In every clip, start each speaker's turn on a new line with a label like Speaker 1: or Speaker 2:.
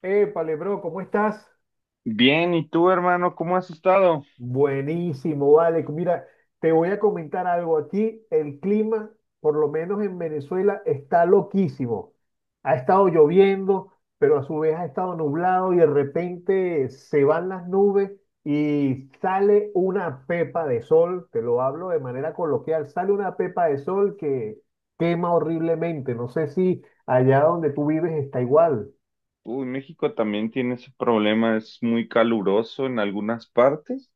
Speaker 1: Épale, bro, ¿cómo estás?
Speaker 2: Bien, ¿y tú, hermano, cómo has estado?
Speaker 1: Buenísimo, vale. Mira, te voy a comentar algo. Aquí el clima, por lo menos en Venezuela, está loquísimo. Ha estado lloviendo, pero a su vez ha estado nublado y de repente se van las nubes y sale una pepa de sol. Te lo hablo de manera coloquial. Sale una pepa de sol que quema horriblemente. No sé si allá donde tú vives está igual.
Speaker 2: Uy, México también tiene ese problema, es muy caluroso en algunas partes.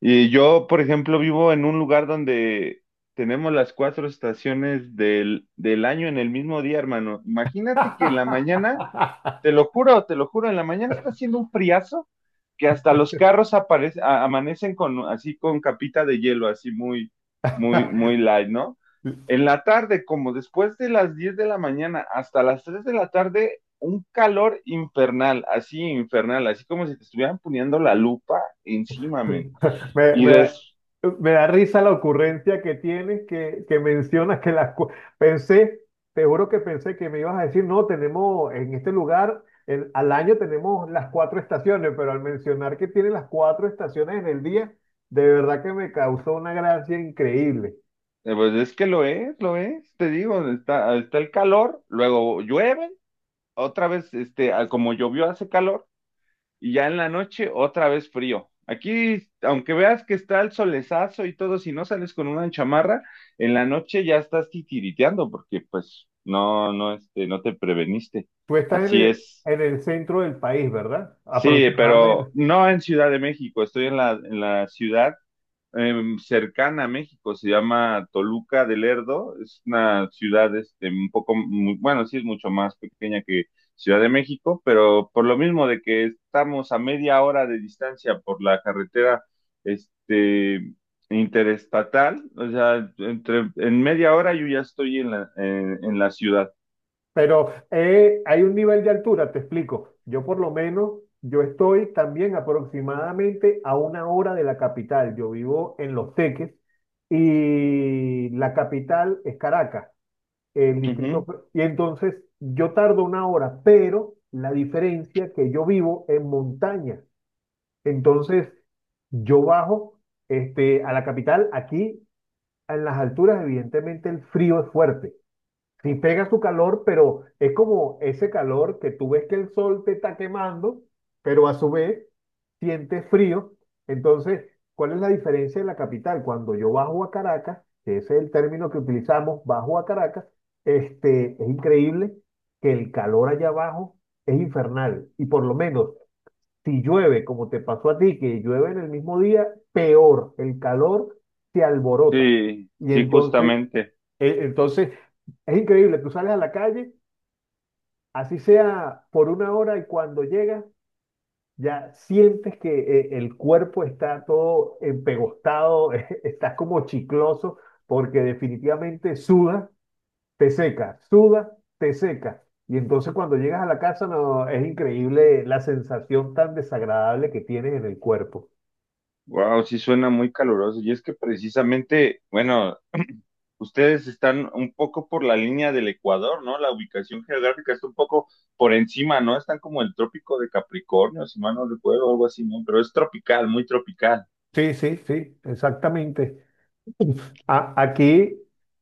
Speaker 2: Y yo, por ejemplo, vivo en un lugar donde tenemos las cuatro estaciones del año en el mismo día, hermano. Imagínate que en la mañana. Te lo juro, en la mañana está haciendo un friazo que hasta los carros aparecen, amanecen con así con capita de hielo, así muy, muy, muy light, ¿no? En la tarde, como después de las 10 de la mañana hasta las 3 de la tarde, un calor infernal, así como si te estuvieran poniendo la lupa encima, men.
Speaker 1: Me,
Speaker 2: Y
Speaker 1: me
Speaker 2: des,
Speaker 1: da, me da risa la ocurrencia que tienes que mencionas que las... cu- Pensé, te juro que pensé que me ibas a decir, no, tenemos en este lugar, el- al año tenemos las cuatro estaciones, pero al mencionar que tiene las cuatro estaciones en el día, de verdad que me causó una gracia increíble.
Speaker 2: pues es que lo es, te digo, está el calor, luego llueve, otra vez, este, como llovió hace calor, y ya en la noche otra vez frío. Aquí, aunque veas que está el solezazo y todo, si no sales con una chamarra, en la noche ya estás titiriteando porque pues no, no, este, no te preveniste.
Speaker 1: Tú estás en
Speaker 2: Así
Speaker 1: el,
Speaker 2: es.
Speaker 1: en el centro del país, ¿verdad?
Speaker 2: Sí, pero
Speaker 1: Aproximadamente.
Speaker 2: no en Ciudad de México, estoy en la ciudad, cercana a México. Se llama Toluca del Lerdo. Es una ciudad este, un poco, bueno, sí es mucho más pequeña que Ciudad de México, pero por lo mismo de que estamos a media hora de distancia por la carretera, este, interestatal. O sea, entre, en media hora yo ya estoy en la ciudad.
Speaker 1: Pero hay un nivel de altura, te explico. Yo por lo menos, yo estoy también aproximadamente a una hora de la capital. Yo vivo en Los Teques y la capital es Caracas, el distrito.
Speaker 2: Ujú.
Speaker 1: Y entonces yo tardo una hora, pero la diferencia que yo vivo en montaña. Entonces yo bajo a la capital aquí en las alturas, evidentemente el frío es fuerte. Sí pega su calor, pero es como ese calor que tú ves que el sol te está quemando, pero a su vez sientes frío. Entonces, ¿cuál es la diferencia de la capital? Cuando yo bajo a Caracas, que ese es el término que utilizamos, bajo a Caracas, es increíble que el calor allá abajo es infernal. Y por lo menos, si llueve, como te pasó a ti, que llueve en el mismo día, peor, el calor se alborota.
Speaker 2: Sí,
Speaker 1: Y sí,
Speaker 2: sí,
Speaker 1: entonces,
Speaker 2: justamente.
Speaker 1: entonces, es increíble, tú sales a la calle, así sea por una hora y cuando llegas, ya sientes que el cuerpo está todo empegostado, estás como chicloso, porque definitivamente sudas, te seca, sudas, te seca. Y entonces cuando llegas a la casa, no, es increíble la sensación tan desagradable que tienes en el cuerpo.
Speaker 2: Wow, sí suena muy caluroso. Y es que precisamente, bueno, ustedes están un poco por la línea del Ecuador, ¿no? La ubicación geográfica está un poco por encima, ¿no? Están como el trópico de Capricornio, si mal no recuerdo, algo así, ¿no? Pero es tropical, muy tropical.
Speaker 1: Sí, sí, sí, exactamente. Aquí,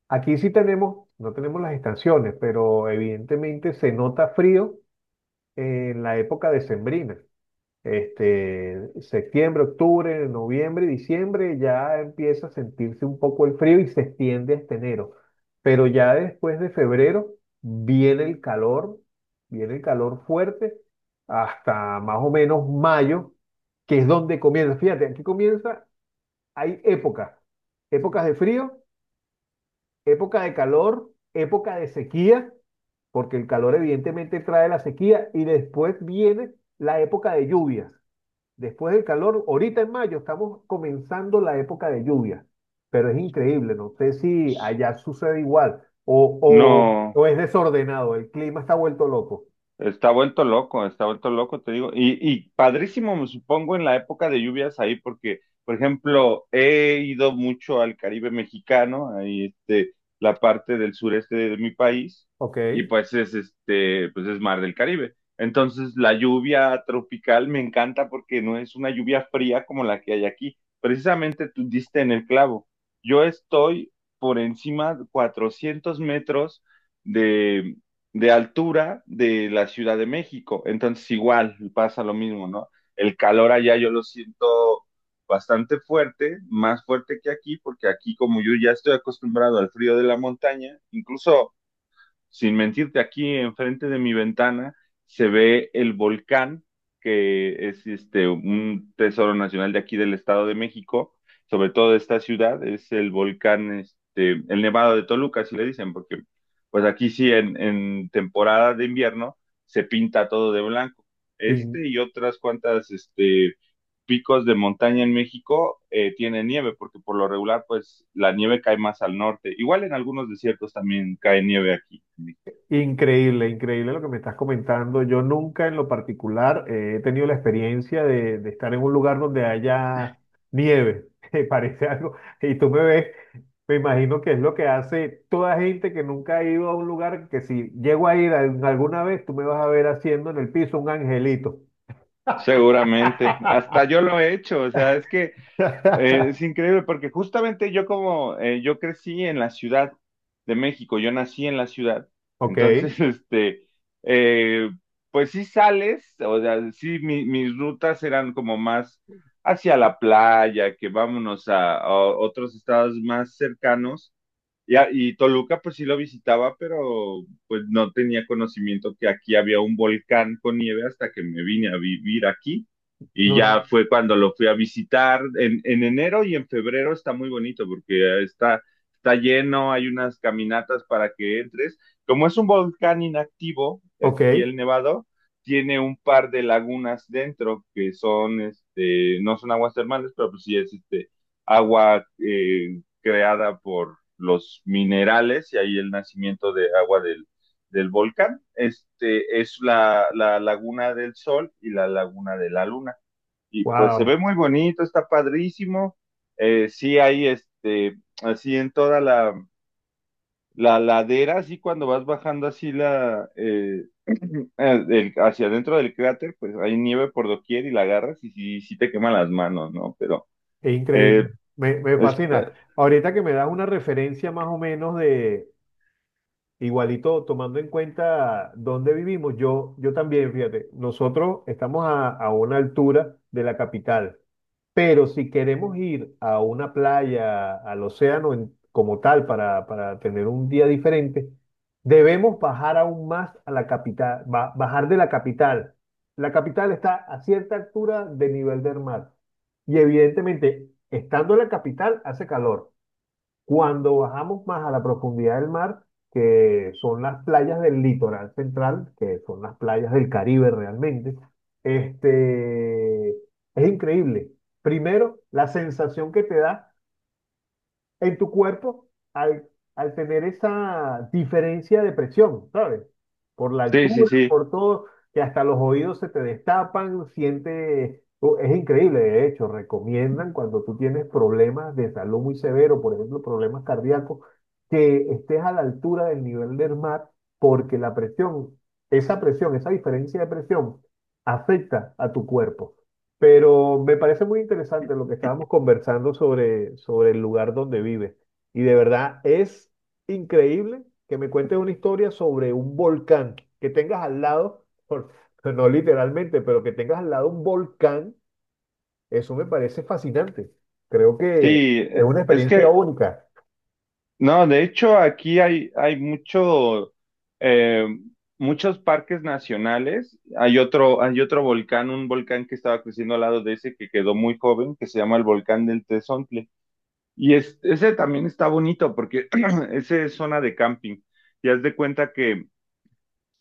Speaker 1: aquí sí tenemos, no tenemos las estaciones, pero evidentemente se nota frío en la época decembrina. Septiembre, octubre, noviembre, diciembre, ya empieza a sentirse un poco el frío y se extiende hasta enero. Pero ya después de febrero viene el calor, viene el calor fuerte hasta más o menos mayo, que es donde comienza. Fíjate, aquí comienza, hay épocas, épocas de frío, época de calor, época de sequía, porque el calor evidentemente trae la sequía, y después viene la época de lluvias. Después del calor, ahorita en mayo estamos comenzando la época de lluvias, pero es increíble, no sé si allá sucede igual o, o,
Speaker 2: No,
Speaker 1: o es desordenado, el clima está vuelto loco.
Speaker 2: está vuelto loco, está vuelto loco, te digo. Y padrísimo, me supongo, en la época de lluvias ahí, porque, por ejemplo, he ido mucho al Caribe mexicano, ahí este, la parte del sureste de mi país,
Speaker 1: Ok.
Speaker 2: y pues es este, pues es mar del Caribe. Entonces, la lluvia tropical me encanta porque no es una lluvia fría como la que hay aquí. Precisamente tú diste en el clavo. Yo estoy por encima de 400 metros de altura de la Ciudad de México. Entonces igual pasa lo mismo, ¿no? El calor allá yo lo siento bastante fuerte, más fuerte que aquí, porque aquí como yo ya estoy acostumbrado al frío de la montaña. Incluso sin mentirte, aquí enfrente de mi ventana se ve el volcán, que es este, un tesoro nacional de aquí del Estado de México, sobre todo de esta ciudad. Es el volcán, este, el Nevado de Toluca, así le dicen, porque pues aquí sí, en temporada de invierno se pinta todo de blanco.
Speaker 1: Y
Speaker 2: Este y otras cuantas, este, picos de montaña en México tienen nieve, porque por lo regular, pues la nieve cae más al norte. Igual en algunos desiertos también cae nieve aquí.
Speaker 1: increíble, increíble lo que me estás comentando. Yo nunca en lo particular he tenido la experiencia de estar en un lugar donde haya nieve. Parece algo, y tú me ves, me imagino que es lo que hace toda gente que nunca ha ido a un lugar que si llego a ir alguna vez, tú me vas a ver haciendo en el piso un angelito.
Speaker 2: Seguramente, hasta yo lo he hecho. O sea, es que es increíble porque justamente yo como yo crecí en la Ciudad de México, yo nací en la ciudad,
Speaker 1: Ok,
Speaker 2: entonces, este, eh, pues sí sales. O sea, sí mis rutas eran como más hacia la playa, que vámonos a otros estados más cercanos, y, y Toluca pues sí lo visitaba, pero pues no tenía conocimiento que aquí había un volcán con nieve hasta que me vine a vivir aquí. Y
Speaker 1: no,
Speaker 2: ya fue cuando lo fui a visitar. En enero y en febrero está muy bonito porque está lleno, hay unas caminatas para que entres. Como es un volcán inactivo,
Speaker 1: ok,
Speaker 2: aquí el Nevado, tiene un par de lagunas dentro que son, este, no son aguas termales, pero pues sí es este agua creada por los minerales y ahí el nacimiento de agua del volcán. Este es la laguna del sol y la laguna de la luna. Y pues se
Speaker 1: wow,
Speaker 2: ve muy bonito, está padrísimo. Sí hay este, así en toda la ladera, así cuando vas bajando así la, el, hacia adentro del cráter, pues hay nieve por doquier y la agarras y sí, sí te queman las manos, ¿no? Pero
Speaker 1: es
Speaker 2: eh,
Speaker 1: increíble, me
Speaker 2: es,
Speaker 1: fascina. Ahorita que me das una referencia más o menos de igualito, tomando en cuenta dónde vivimos, yo también, fíjate, nosotros estamos a una altura de la capital, pero si queremos ir a una playa, al océano como tal, para tener un día diferente, debemos bajar aún más a la capital, bajar de la capital. La capital está a cierta altura de nivel del mar y evidentemente, estando en la capital, hace calor. Cuando bajamos más a la profundidad del mar, que son las playas del litoral central, que son las playas del Caribe realmente, es increíble. Primero, la sensación que te da en tu cuerpo al, al tener esa diferencia de presión, ¿sabes? Por la
Speaker 2: sí, sí,
Speaker 1: altura,
Speaker 2: sí.
Speaker 1: por todo, que hasta los oídos se te destapan, siente, es increíble, de hecho, recomiendan cuando tú tienes problemas de salud muy severos, por ejemplo, problemas cardíacos, que estés a la altura del nivel del mar, porque la presión, esa diferencia de presión, afecta a tu cuerpo. Pero me parece muy interesante lo que estábamos conversando sobre, sobre el lugar donde vive. Y de verdad es increíble que me cuentes una historia sobre un volcán que tengas al lado, pues no literalmente, pero que tengas al lado un volcán, eso me parece fascinante. Creo que
Speaker 2: Sí,
Speaker 1: es una experiencia única.
Speaker 2: no, de hecho aquí hay mucho, eh, muchos parques nacionales. Hay otro volcán, un volcán que estaba creciendo al lado de ese que quedó muy joven, que se llama el volcán del Tezontle. Y ese también está bonito porque ese es zona de camping. Y haz de cuenta que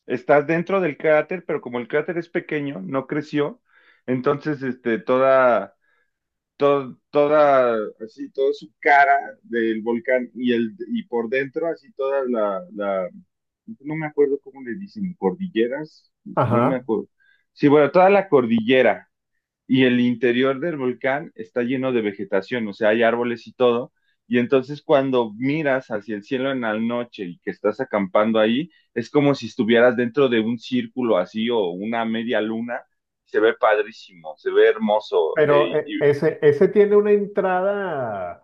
Speaker 2: estás dentro del cráter, pero como el cráter es pequeño, no creció, entonces este, todo, toda, así, toda su cara del volcán y, el, y por dentro, así toda no me acuerdo cómo le dicen, cordilleras, no me
Speaker 1: Ajá.
Speaker 2: acuerdo. Sí, bueno, toda la cordillera y el interior del volcán está lleno de vegetación, o sea, hay árboles y todo. Y entonces cuando miras hacia el cielo en la noche y que estás acampando ahí, es como si estuvieras dentro de un círculo así o una media luna. Se ve padrísimo, se ve hermoso
Speaker 1: Pero ese, ese tiene una entrada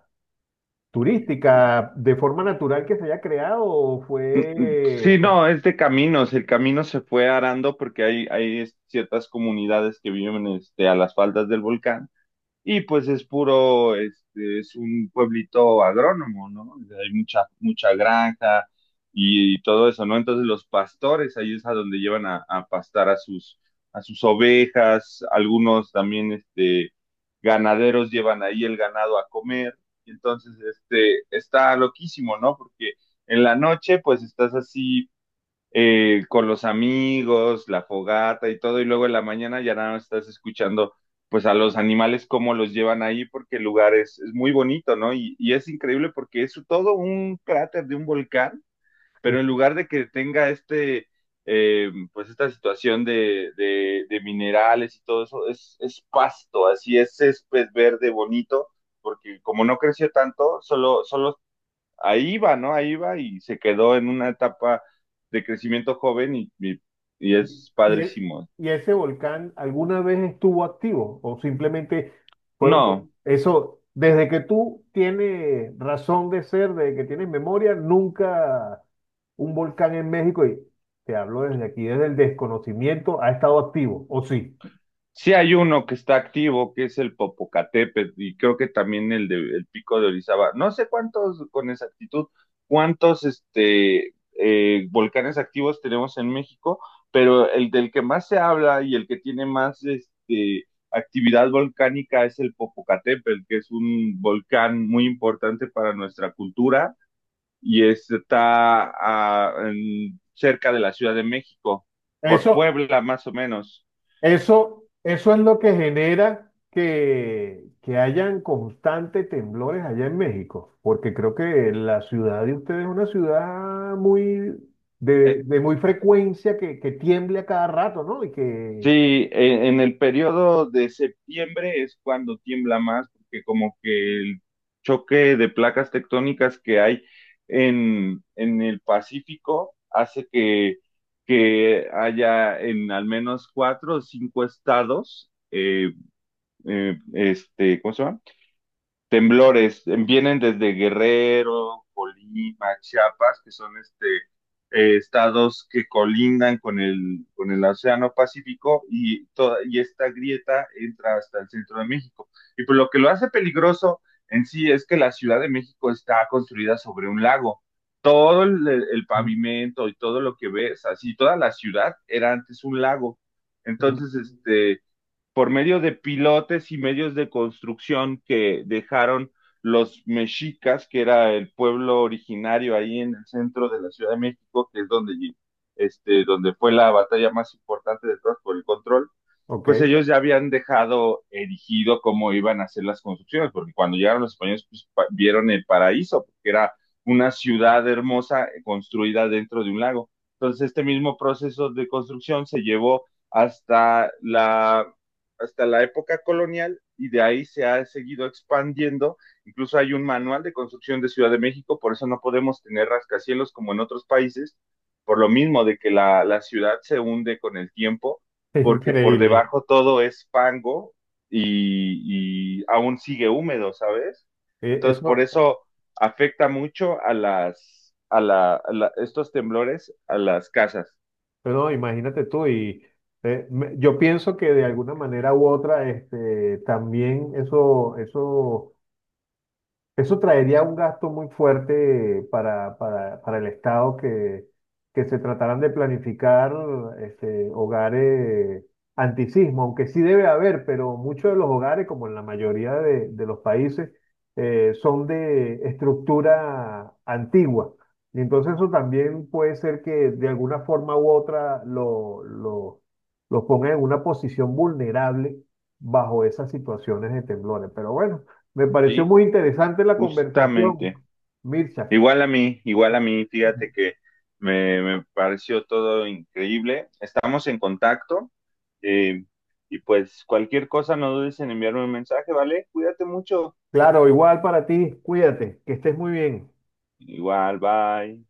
Speaker 1: turística de forma natural que se haya creado o fue
Speaker 2: sí, no, es de caminos. El camino se fue arando porque hay ciertas comunidades que viven este, a las faldas del volcán. Y pues es puro, este, es un pueblito agrónomo, ¿no? O sea, hay mucha, mucha granja y todo eso, ¿no? Entonces los pastores, ahí es a donde llevan a pastar a sus ovejas. Algunos también, este, ganaderos llevan ahí el ganado a comer. Entonces, este, está loquísimo, ¿no? Porque en la noche, pues estás así con los amigos, la fogata y todo, y luego en la mañana ya nada más estás escuchando pues a los animales cómo los llevan ahí, porque el lugar es muy bonito, ¿no? Y es increíble porque es todo un cráter de un volcán, pero en lugar de que tenga este, pues esta situación minerales y todo eso, es pasto, así es césped verde bonito, porque como no creció tanto, solo ahí va, ¿no? Ahí va y se quedó en una etapa de crecimiento joven y es
Speaker 1: ¿Y,
Speaker 2: padrísimo.
Speaker 1: y ese volcán alguna vez estuvo activo o simplemente fueron...
Speaker 2: No,
Speaker 1: Eso, desde que tú tienes razón de ser, desde que tienes memoria, nunca un volcán en México, y te hablo desde aquí, desde el desconocimiento, ha estado activo, ¿o sí?
Speaker 2: sí hay uno que está activo, que es el Popocatépetl, y creo que también el de el Pico de Orizaba. No sé cuántos, con exactitud, cuántos este, volcanes activos tenemos en México, pero el del que más se habla y el que tiene más este, actividad volcánica es el Popocatépetl, que es un volcán muy importante para nuestra cultura y está cerca de la Ciudad de México, por
Speaker 1: Eso,
Speaker 2: Puebla más o menos.
Speaker 1: eso es lo que genera que hayan constantes temblores allá en México, porque creo que la ciudad de ustedes es una ciudad muy
Speaker 2: Eh,
Speaker 1: de muy frecuencia que tiemble a cada rato, ¿no? Y que...
Speaker 2: sí, en el periodo de septiembre es cuando tiembla más, porque como que el choque de placas tectónicas que hay en el Pacífico hace que haya en al menos cuatro o cinco estados, este, ¿cómo se llama? Temblores, vienen desde Guerrero, Colima, Chiapas, que son este, estados que colindan con el Océano Pacífico y, toda, y esta grieta entra hasta el centro de México. Y pues lo que lo hace peligroso en sí es que la Ciudad de México está construida sobre un lago. Todo el
Speaker 1: Mm,
Speaker 2: pavimento y todo lo que ves, así toda la ciudad era antes un lago.
Speaker 1: mm,
Speaker 2: Entonces, este, por medio de pilotes y medios de construcción que dejaron los mexicas, que era el pueblo originario ahí en el centro de la Ciudad de México, que es donde, este, donde fue la batalla más importante de todas por el control,
Speaker 1: ok,
Speaker 2: pues ellos ya habían dejado erigido cómo iban a hacer las construcciones, porque cuando llegaron los españoles pues vieron el paraíso, porque era una ciudad hermosa construida dentro de un lago. Entonces este mismo proceso de construcción se llevó hasta la hasta la época colonial, y de ahí se ha seguido expandiendo. Incluso hay un manual de construcción de Ciudad de México, por eso no podemos tener rascacielos como en otros países, por lo mismo de que la ciudad se hunde con el tiempo,
Speaker 1: es
Speaker 2: porque por
Speaker 1: increíble.
Speaker 2: debajo todo es fango y aún sigue húmedo, ¿sabes? Entonces, por
Speaker 1: Eso,
Speaker 2: eso afecta mucho a las, a la, estos temblores a las casas.
Speaker 1: pero imagínate tú, y yo pienso que de alguna manera u otra, también eso, eso eso traería un gasto muy fuerte para el Estado que se trataran de planificar hogares antisismo, aunque sí debe haber, pero muchos de los hogares, como en la mayoría de los países, son de estructura antigua. Y entonces eso también puede ser que de alguna forma u otra los ponga en una posición vulnerable bajo esas situaciones de temblores. Pero bueno. Me pareció
Speaker 2: ¿Sí?
Speaker 1: muy interesante la conversación,
Speaker 2: Justamente.
Speaker 1: Mircha.
Speaker 2: Igual a mí, fíjate que me pareció todo increíble. Estamos en contacto, eh, y pues cualquier cosa no dudes en enviarme un mensaje, ¿vale? Cuídate mucho.
Speaker 1: Claro, igual para ti, cuídate, que estés muy bien.
Speaker 2: Igual, bye.